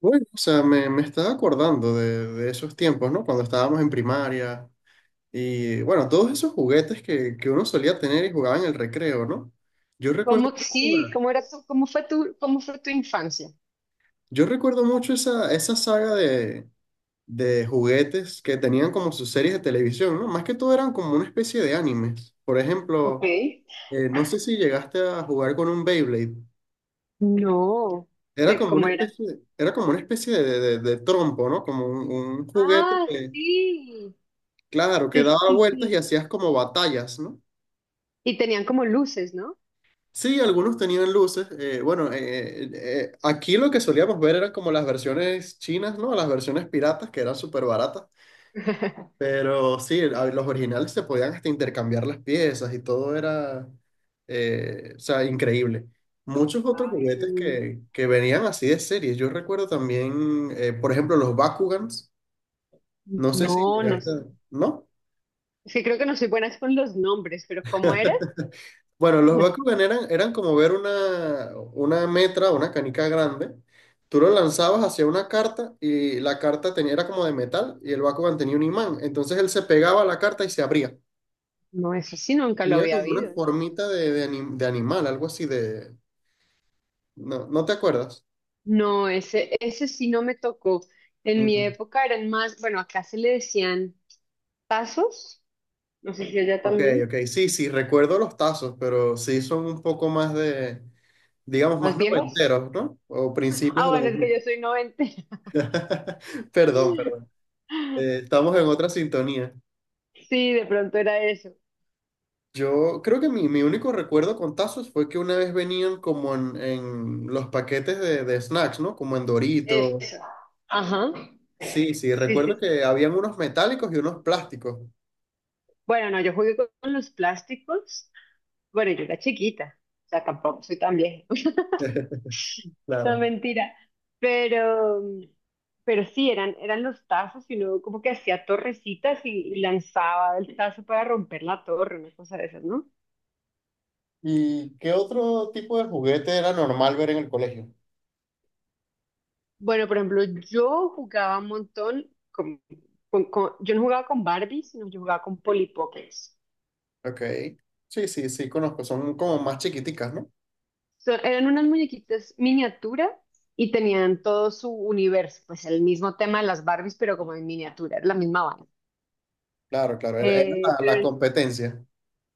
Bueno, o sea, me estaba acordando de esos tiempos, ¿no? Cuando estábamos en primaria y, bueno, todos esos juguetes que uno solía tener y jugaba en el recreo, ¿no? Yo ¿Cómo, recuerdo sí, mucho, cómo era tu, cómo fue tu, cómo fue tu infancia? yo recuerdo mucho esa, esa saga de juguetes que tenían como sus series de televisión, ¿no? Más que todo eran como una especie de animes. Por Ok. ejemplo, no sé si llegaste a jugar con un Beyblade. No, Era de como una cómo era. especie, Era como una especie de, trompo, ¿no? Como un juguete Ah, que... sí. Claro, que Sí, sí, daba sí, vueltas y sí. hacías como batallas, ¿no? Y tenían como luces, ¿no? Sí, algunos tenían luces. Bueno, Aquí lo que solíamos ver eran como las versiones chinas, ¿no? Las versiones piratas que eran súper baratas. Pero sí, a los originales se podían hasta intercambiar las piezas y todo era, o sea, increíble. Muchos otros Ay, qué... juguetes que venían así de series. Yo recuerdo también, por ejemplo, los Bakugans. No sé si No, no llegaste, sé. ¿no? Es que creo que no soy buena con los nombres, pero ¿cómo era? Bueno, los Bakugan eran como ver una metra, una canica grande. Tú lo lanzabas hacia una carta y la carta tenía, era como de metal y el Bakugan tenía un imán. Entonces él se pegaba a la carta y se abría. No, eso sí nunca lo Tenía había como una habido, no. formita de, de animal, algo así de... ¿No, no te acuerdas? No, ese sí no me tocó. En mi Ujú. época eran más, bueno, acá se le decían tazos, no sé si allá Ok, también, ok. Sí, sí, recuerdo los tazos, pero sí son un poco más de, digamos, más más viejos. noventeros, ¿no? O principios Ah, de los bueno, dos es que yo mil. soy 90. Perdón, perdón. Estamos en otra sintonía. Sí, de pronto era eso. Yo creo que mi único recuerdo con tazos fue que una vez venían como en los paquetes de snacks, ¿no? Como en Dorito. Eso. Ajá. Sí, sí, Sí, sí, recuerdo que sí. habían unos metálicos y unos plásticos. Bueno, no, yo jugué con los plásticos. Bueno, yo era chiquita. O sea, tampoco soy tan vieja. No, Claro. mentira. Pero, pero sí, eran, eran los tazos y uno como que hacía torrecitas y lanzaba el tazo para romper la torre, una cosa de esas, ¿no? ¿Y qué otro tipo de juguete era normal ver en el colegio? Bueno, por ejemplo, yo jugaba un montón yo no jugaba con Barbie, sino yo jugaba con Polly Pockets. Ok. Sí, sí, sí, conozco. Son como más chiquiticas, ¿no? Eran unas muñequitas miniatura y tenían todo su universo, pues el mismo tema de las Barbies, pero como en miniatura, era la misma vaina. Claro, claro, era Eh, la, la pero competencia.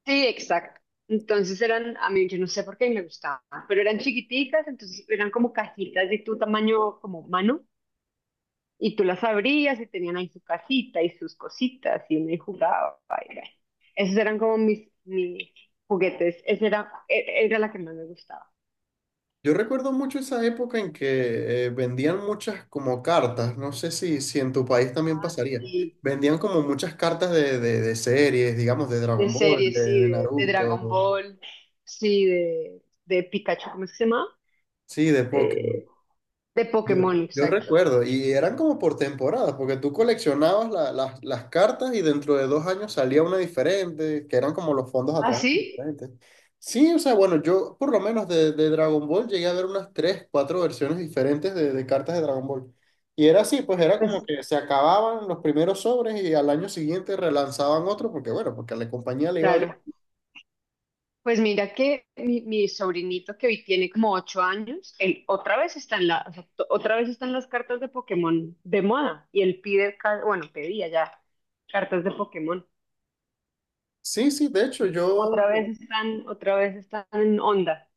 sí, exacto. Entonces eran, a mí yo no sé por qué me gustaban, pero eran chiquiticas, entonces eran como cajitas de tu tamaño como mano. Y tú las abrías y tenían ahí su casita y sus cositas y uno ahí jugaba. Y bueno, esos eran como mis, mis juguetes. Esa era, era la que más me gustaba. Yo recuerdo mucho esa época en que vendían muchas como cartas, no sé si, si en tu país también Ah, pasaría, sí, vendían como muchas cartas de, de series, digamos, de de Dragon Ball, series, sí, de de Naruto, Dragon de... Ball. Sí, de Pikachu, ¿cómo es que se llama? sí, de Pokémon. De, de Yo, Pokémon, yo exacto. recuerdo, y eran como por temporadas, porque tú coleccionabas las cartas y dentro de dos años salía una diferente, que eran como los fondos ¿Ah, atrás sí? diferentes. Sí, o sea, bueno, yo por lo menos de Dragon Ball llegué a ver unas tres, cuatro versiones diferentes de cartas de Dragon Ball. Y era así, pues era como Pues que se acababan los primeros sobres y al año siguiente relanzaban otro, porque bueno, porque a la compañía le iba bien. claro. Pues mira que mi sobrinito, que hoy tiene como ocho años, él otra vez está en la, o sea, otra vez están las cartas de Pokémon de moda y él pide, bueno, pedía ya cartas de Pokémon. Sí, sí, de hecho, yo... Otra vez están en onda.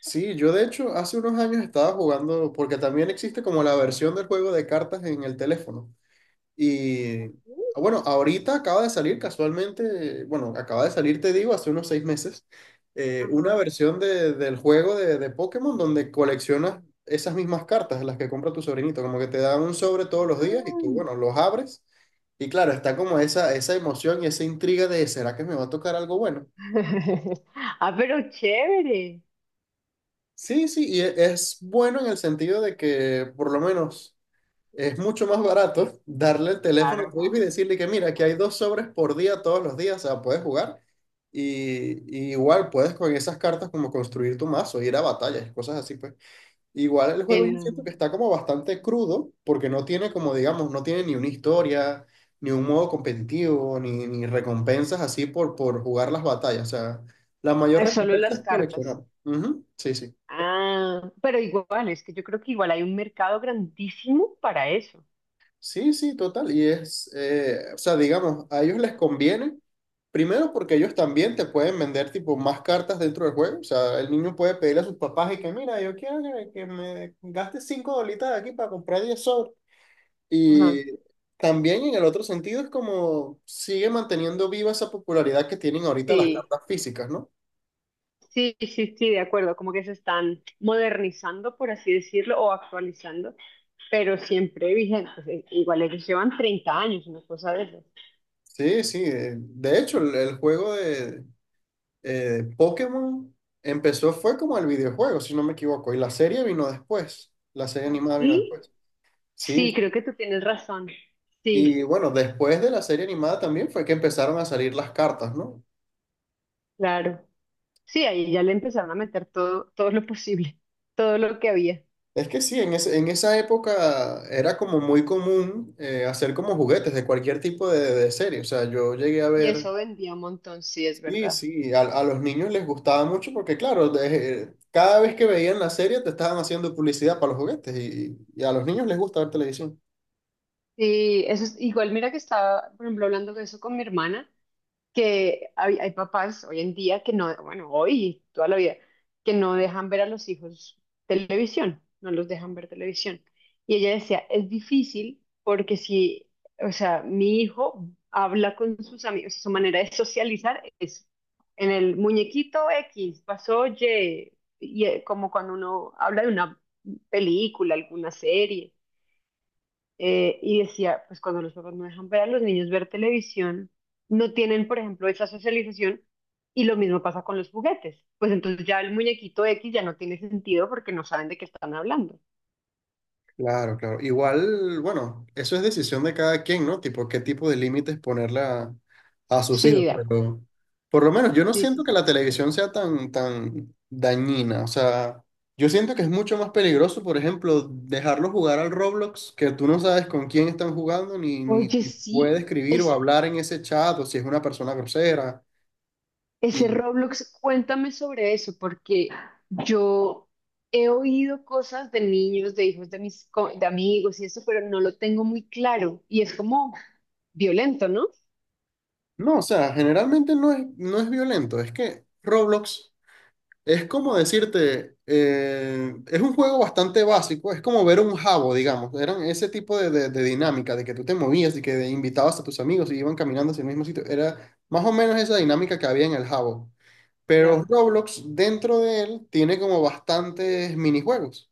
Sí, yo de hecho hace unos años estaba jugando, porque también existe como la versión del juego de cartas en el teléfono. Y ah, bueno, ahorita acaba de salir casualmente, bueno, acaba de salir, te digo, hace unos seis meses, una Ajá. versión del juego de Pokémon donde coleccionas esas mismas cartas, las que compra tu sobrinito, como que te dan un sobre todos los días y Ah. tú, bueno, los abres. Y claro, está como esa emoción y esa intriga de, ¿será que me va a tocar algo bueno? Ah, pero chévere. Sí, sí, y es bueno en el sentido de que por lo menos es mucho más barato darle el teléfono a Claro. tu hijo y decirle que mira, aquí hay dos sobres por día todos los días, o sea, puedes jugar y, y igual puedes con esas cartas como construir tu mazo, ir a batallas, cosas así, pues. Igual el En, juego yo siento que está como bastante crudo porque no tiene como, digamos, no tiene ni una historia, ni un modo competitivo, ni, ni recompensas así por jugar las batallas, o sea, la mayor ah, solo recompensa las es cartas. coleccionar. Ujú, sí, sí. Ah, pero igual, es que yo creo que igual hay un mercado grandísimo para eso. Sí, sí, total. Y es, o sea, digamos, a ellos les conviene, primero porque ellos también te pueden vender tipo más cartas dentro del juego. O sea, el niño puede pedirle a sus papás y que, mira, yo quiero que me gaste cinco dolitas de aquí para comprar 10 sobres. Ajá. Y también en el otro sentido es como sigue manteniendo viva esa popularidad que tienen ahorita las Sí. cartas físicas, ¿no? Sí, sí, sí, de acuerdo, como que se están modernizando, por así decirlo, o actualizando, pero siempre vigentes. Igual ellos llevan 30 años, una cosa de eso. Sí, sí. De hecho, el juego de, Pokémon empezó, fue como el videojuego, si no me equivoco, y la serie vino después, la serie animada vino Y después. Sí, sí, sí. creo que tú tienes razón. Y Sí, bueno, después de la serie animada también fue que empezaron a salir las cartas, ¿no? claro. Sí, ahí ya le empezaron a meter todo, todo lo posible, todo lo que había. Es que sí, en, en esa época era como muy común hacer como juguetes de cualquier tipo de serie. O sea, yo llegué a Y ver, eso vendía un montón, sí, es sí, verdad. sí, a los niños les gustaba mucho porque claro, cada vez que veían la serie te estaban haciendo publicidad para los juguetes y a los niños les gusta ver televisión. Sí, eso es igual, mira que estaba, por ejemplo, hablando de eso con mi hermana, que hay papás hoy en día que no, bueno, hoy, toda la vida, que no dejan ver a los hijos televisión, no los dejan ver televisión. Y ella decía, es difícil porque si, o sea, mi hijo habla con sus amigos, su manera de socializar es en el muñequito X, pasó Y, y como cuando uno habla de una película, alguna serie, y decía, pues cuando los papás no dejan ver a los niños ver televisión, no tienen, por ejemplo, esa socialización, y lo mismo pasa con los juguetes. Pues entonces ya el muñequito X ya no tiene sentido porque no saben de qué están hablando. Claro, claro. Igual, bueno, eso es decisión de cada quien, ¿no? Tipo, qué tipo de límites ponerle a sus Sí, hijos. de acuerdo. Pero por lo menos yo no Sí, sí, siento que sí. la televisión sea tan, tan dañina. O sea, yo siento que es mucho más peligroso, por ejemplo, dejarlos jugar al Roblox, que tú no sabes con quién están jugando, ni, ni Oye, si puede sí, escribir o es, hablar en ese chat, o si es una persona grosera. ese Y Roblox, cuéntame sobre eso, porque yo he oído cosas de niños, de hijos de de amigos y eso, pero no lo tengo muy claro. Y es como violento, ¿no? no, o sea, generalmente no es, no es violento. Es que Roblox. Es como decirte, es un juego bastante básico, es como ver un jabo, digamos. Eran ese tipo de, de dinámica, de que tú te movías y que invitabas a tus amigos y iban caminando hacia el mismo sitio. Era más o menos esa dinámica que había en el jabo. Pero Ya. Roblox, dentro de él, tiene como bastantes minijuegos.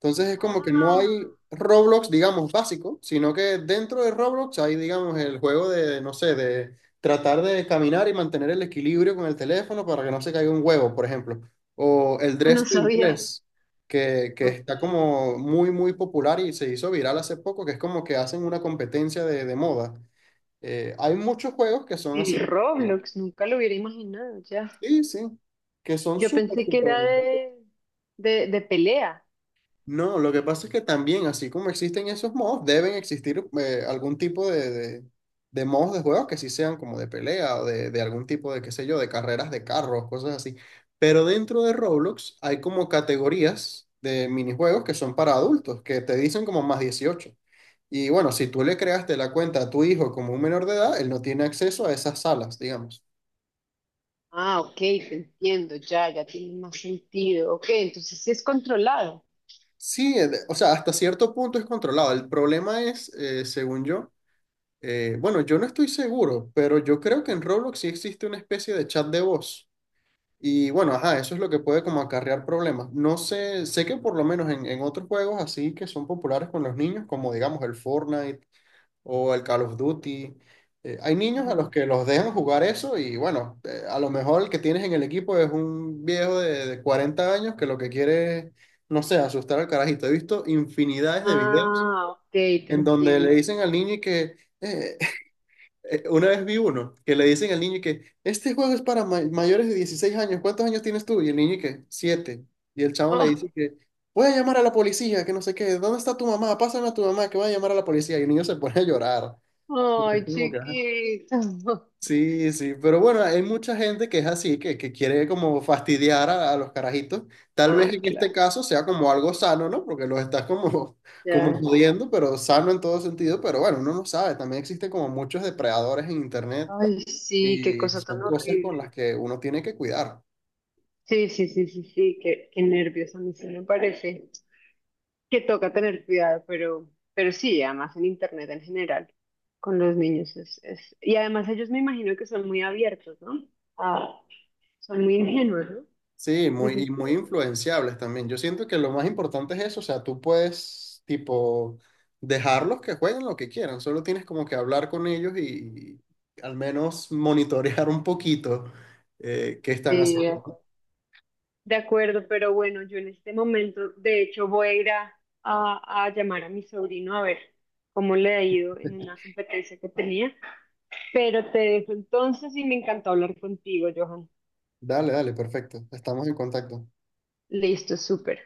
Entonces es como que no hay Ah. Roblox, digamos, básico, sino que dentro de Roblox hay, digamos, el juego de, no sé, de tratar de caminar y mantener el equilibrio con el teléfono para que no se caiga un huevo, por ejemplo. O el Ah, no Dress to sabía. Impress, que Ok. está como muy, muy popular y se hizo viral hace poco, que es como que hacen una competencia de moda. Hay muchos juegos que son así. En que- Roblox, nunca lo hubiera imaginado ya. Sí, sí, que son Yo súper, pensé que era súper. De pelea. No, lo que pasa es que también, así como existen esos mods, deben existir algún tipo de mods de juegos que sí sean como de pelea o de algún tipo de, qué sé yo, de carreras de carros, cosas así. Pero dentro de Roblox hay como categorías de minijuegos que son para adultos, que te dicen como más 18. Y bueno, si tú le creaste la cuenta a tu hijo como un menor de edad, él no tiene acceso a esas salas, digamos. Ah, ok, te entiendo, ya, ya tiene más sentido. Ok, entonces sí es controlado. Sí, o sea, hasta cierto punto es controlado. El problema es, según yo... Bueno, yo no estoy seguro, pero yo creo que en Roblox sí existe una especie de chat de voz. Y bueno, ajá, eso es lo que puede como acarrear problemas. No sé, sé que por lo menos en otros juegos así que son populares con los niños, como digamos el Fortnite o el Call of Duty, hay niños a Ajá. los que los dejan jugar eso y bueno, a lo mejor el que tienes en el equipo es un viejo de 40 años que lo que quiere es, no sé, asustar al carajito. He visto infinidades de videos Ah, ok, te en donde le entiendo. dicen al niño y que... "Eh, una vez vi uno que le dicen al niño que este juego es para mayores de 16 años, ¿cuántos años tienes tú? Y el niño que siete. Y el chavo le dice que voy a llamar a la policía, que no sé qué, ¿dónde está tu mamá? Pásame a tu mamá que voy a llamar a la policía. Y el niño se pone a llorar. Oh, Es ay, como que, ajá. chiquito. Sí, sí, pero bueno, hay mucha gente que es así, que quiere como fastidiar a los carajitos. Tal vez Ah, en este claro, caso sea como algo sano, ¿no? Porque los estás como, como ya. jodiendo, pero sano en todo sentido. Pero bueno, uno no sabe, también existen como muchos depredadores en internet Ay, sí, qué y cosa tan son cosas con las horrible. que uno tiene que cuidar. Sí, sí, sí, sí, sí, qué, qué nervios a mí sí me parece. Que toca tener cuidado, pero sí, además en internet en general, con los niños es... Y además ellos me imagino que son muy abiertos, ¿no? Ah, son muy ingenuos, ¿no? Sí, muy, Dicen, y sí, muy influenciables también. Yo siento que lo más importante es eso, o sea, tú puedes, tipo, dejarlos que jueguen lo que quieran, solo tienes como que hablar con ellos y al menos monitorear un poquito qué están sí, de haciendo. acuerdo. De acuerdo, pero bueno, yo en este momento, de hecho, voy a ir a llamar a mi sobrino a ver cómo le ha ido en una competencia que tenía, pero te dejo entonces y me encantó hablar contigo, Johan. Dale, dale, perfecto. Estamos en contacto. Listo, súper.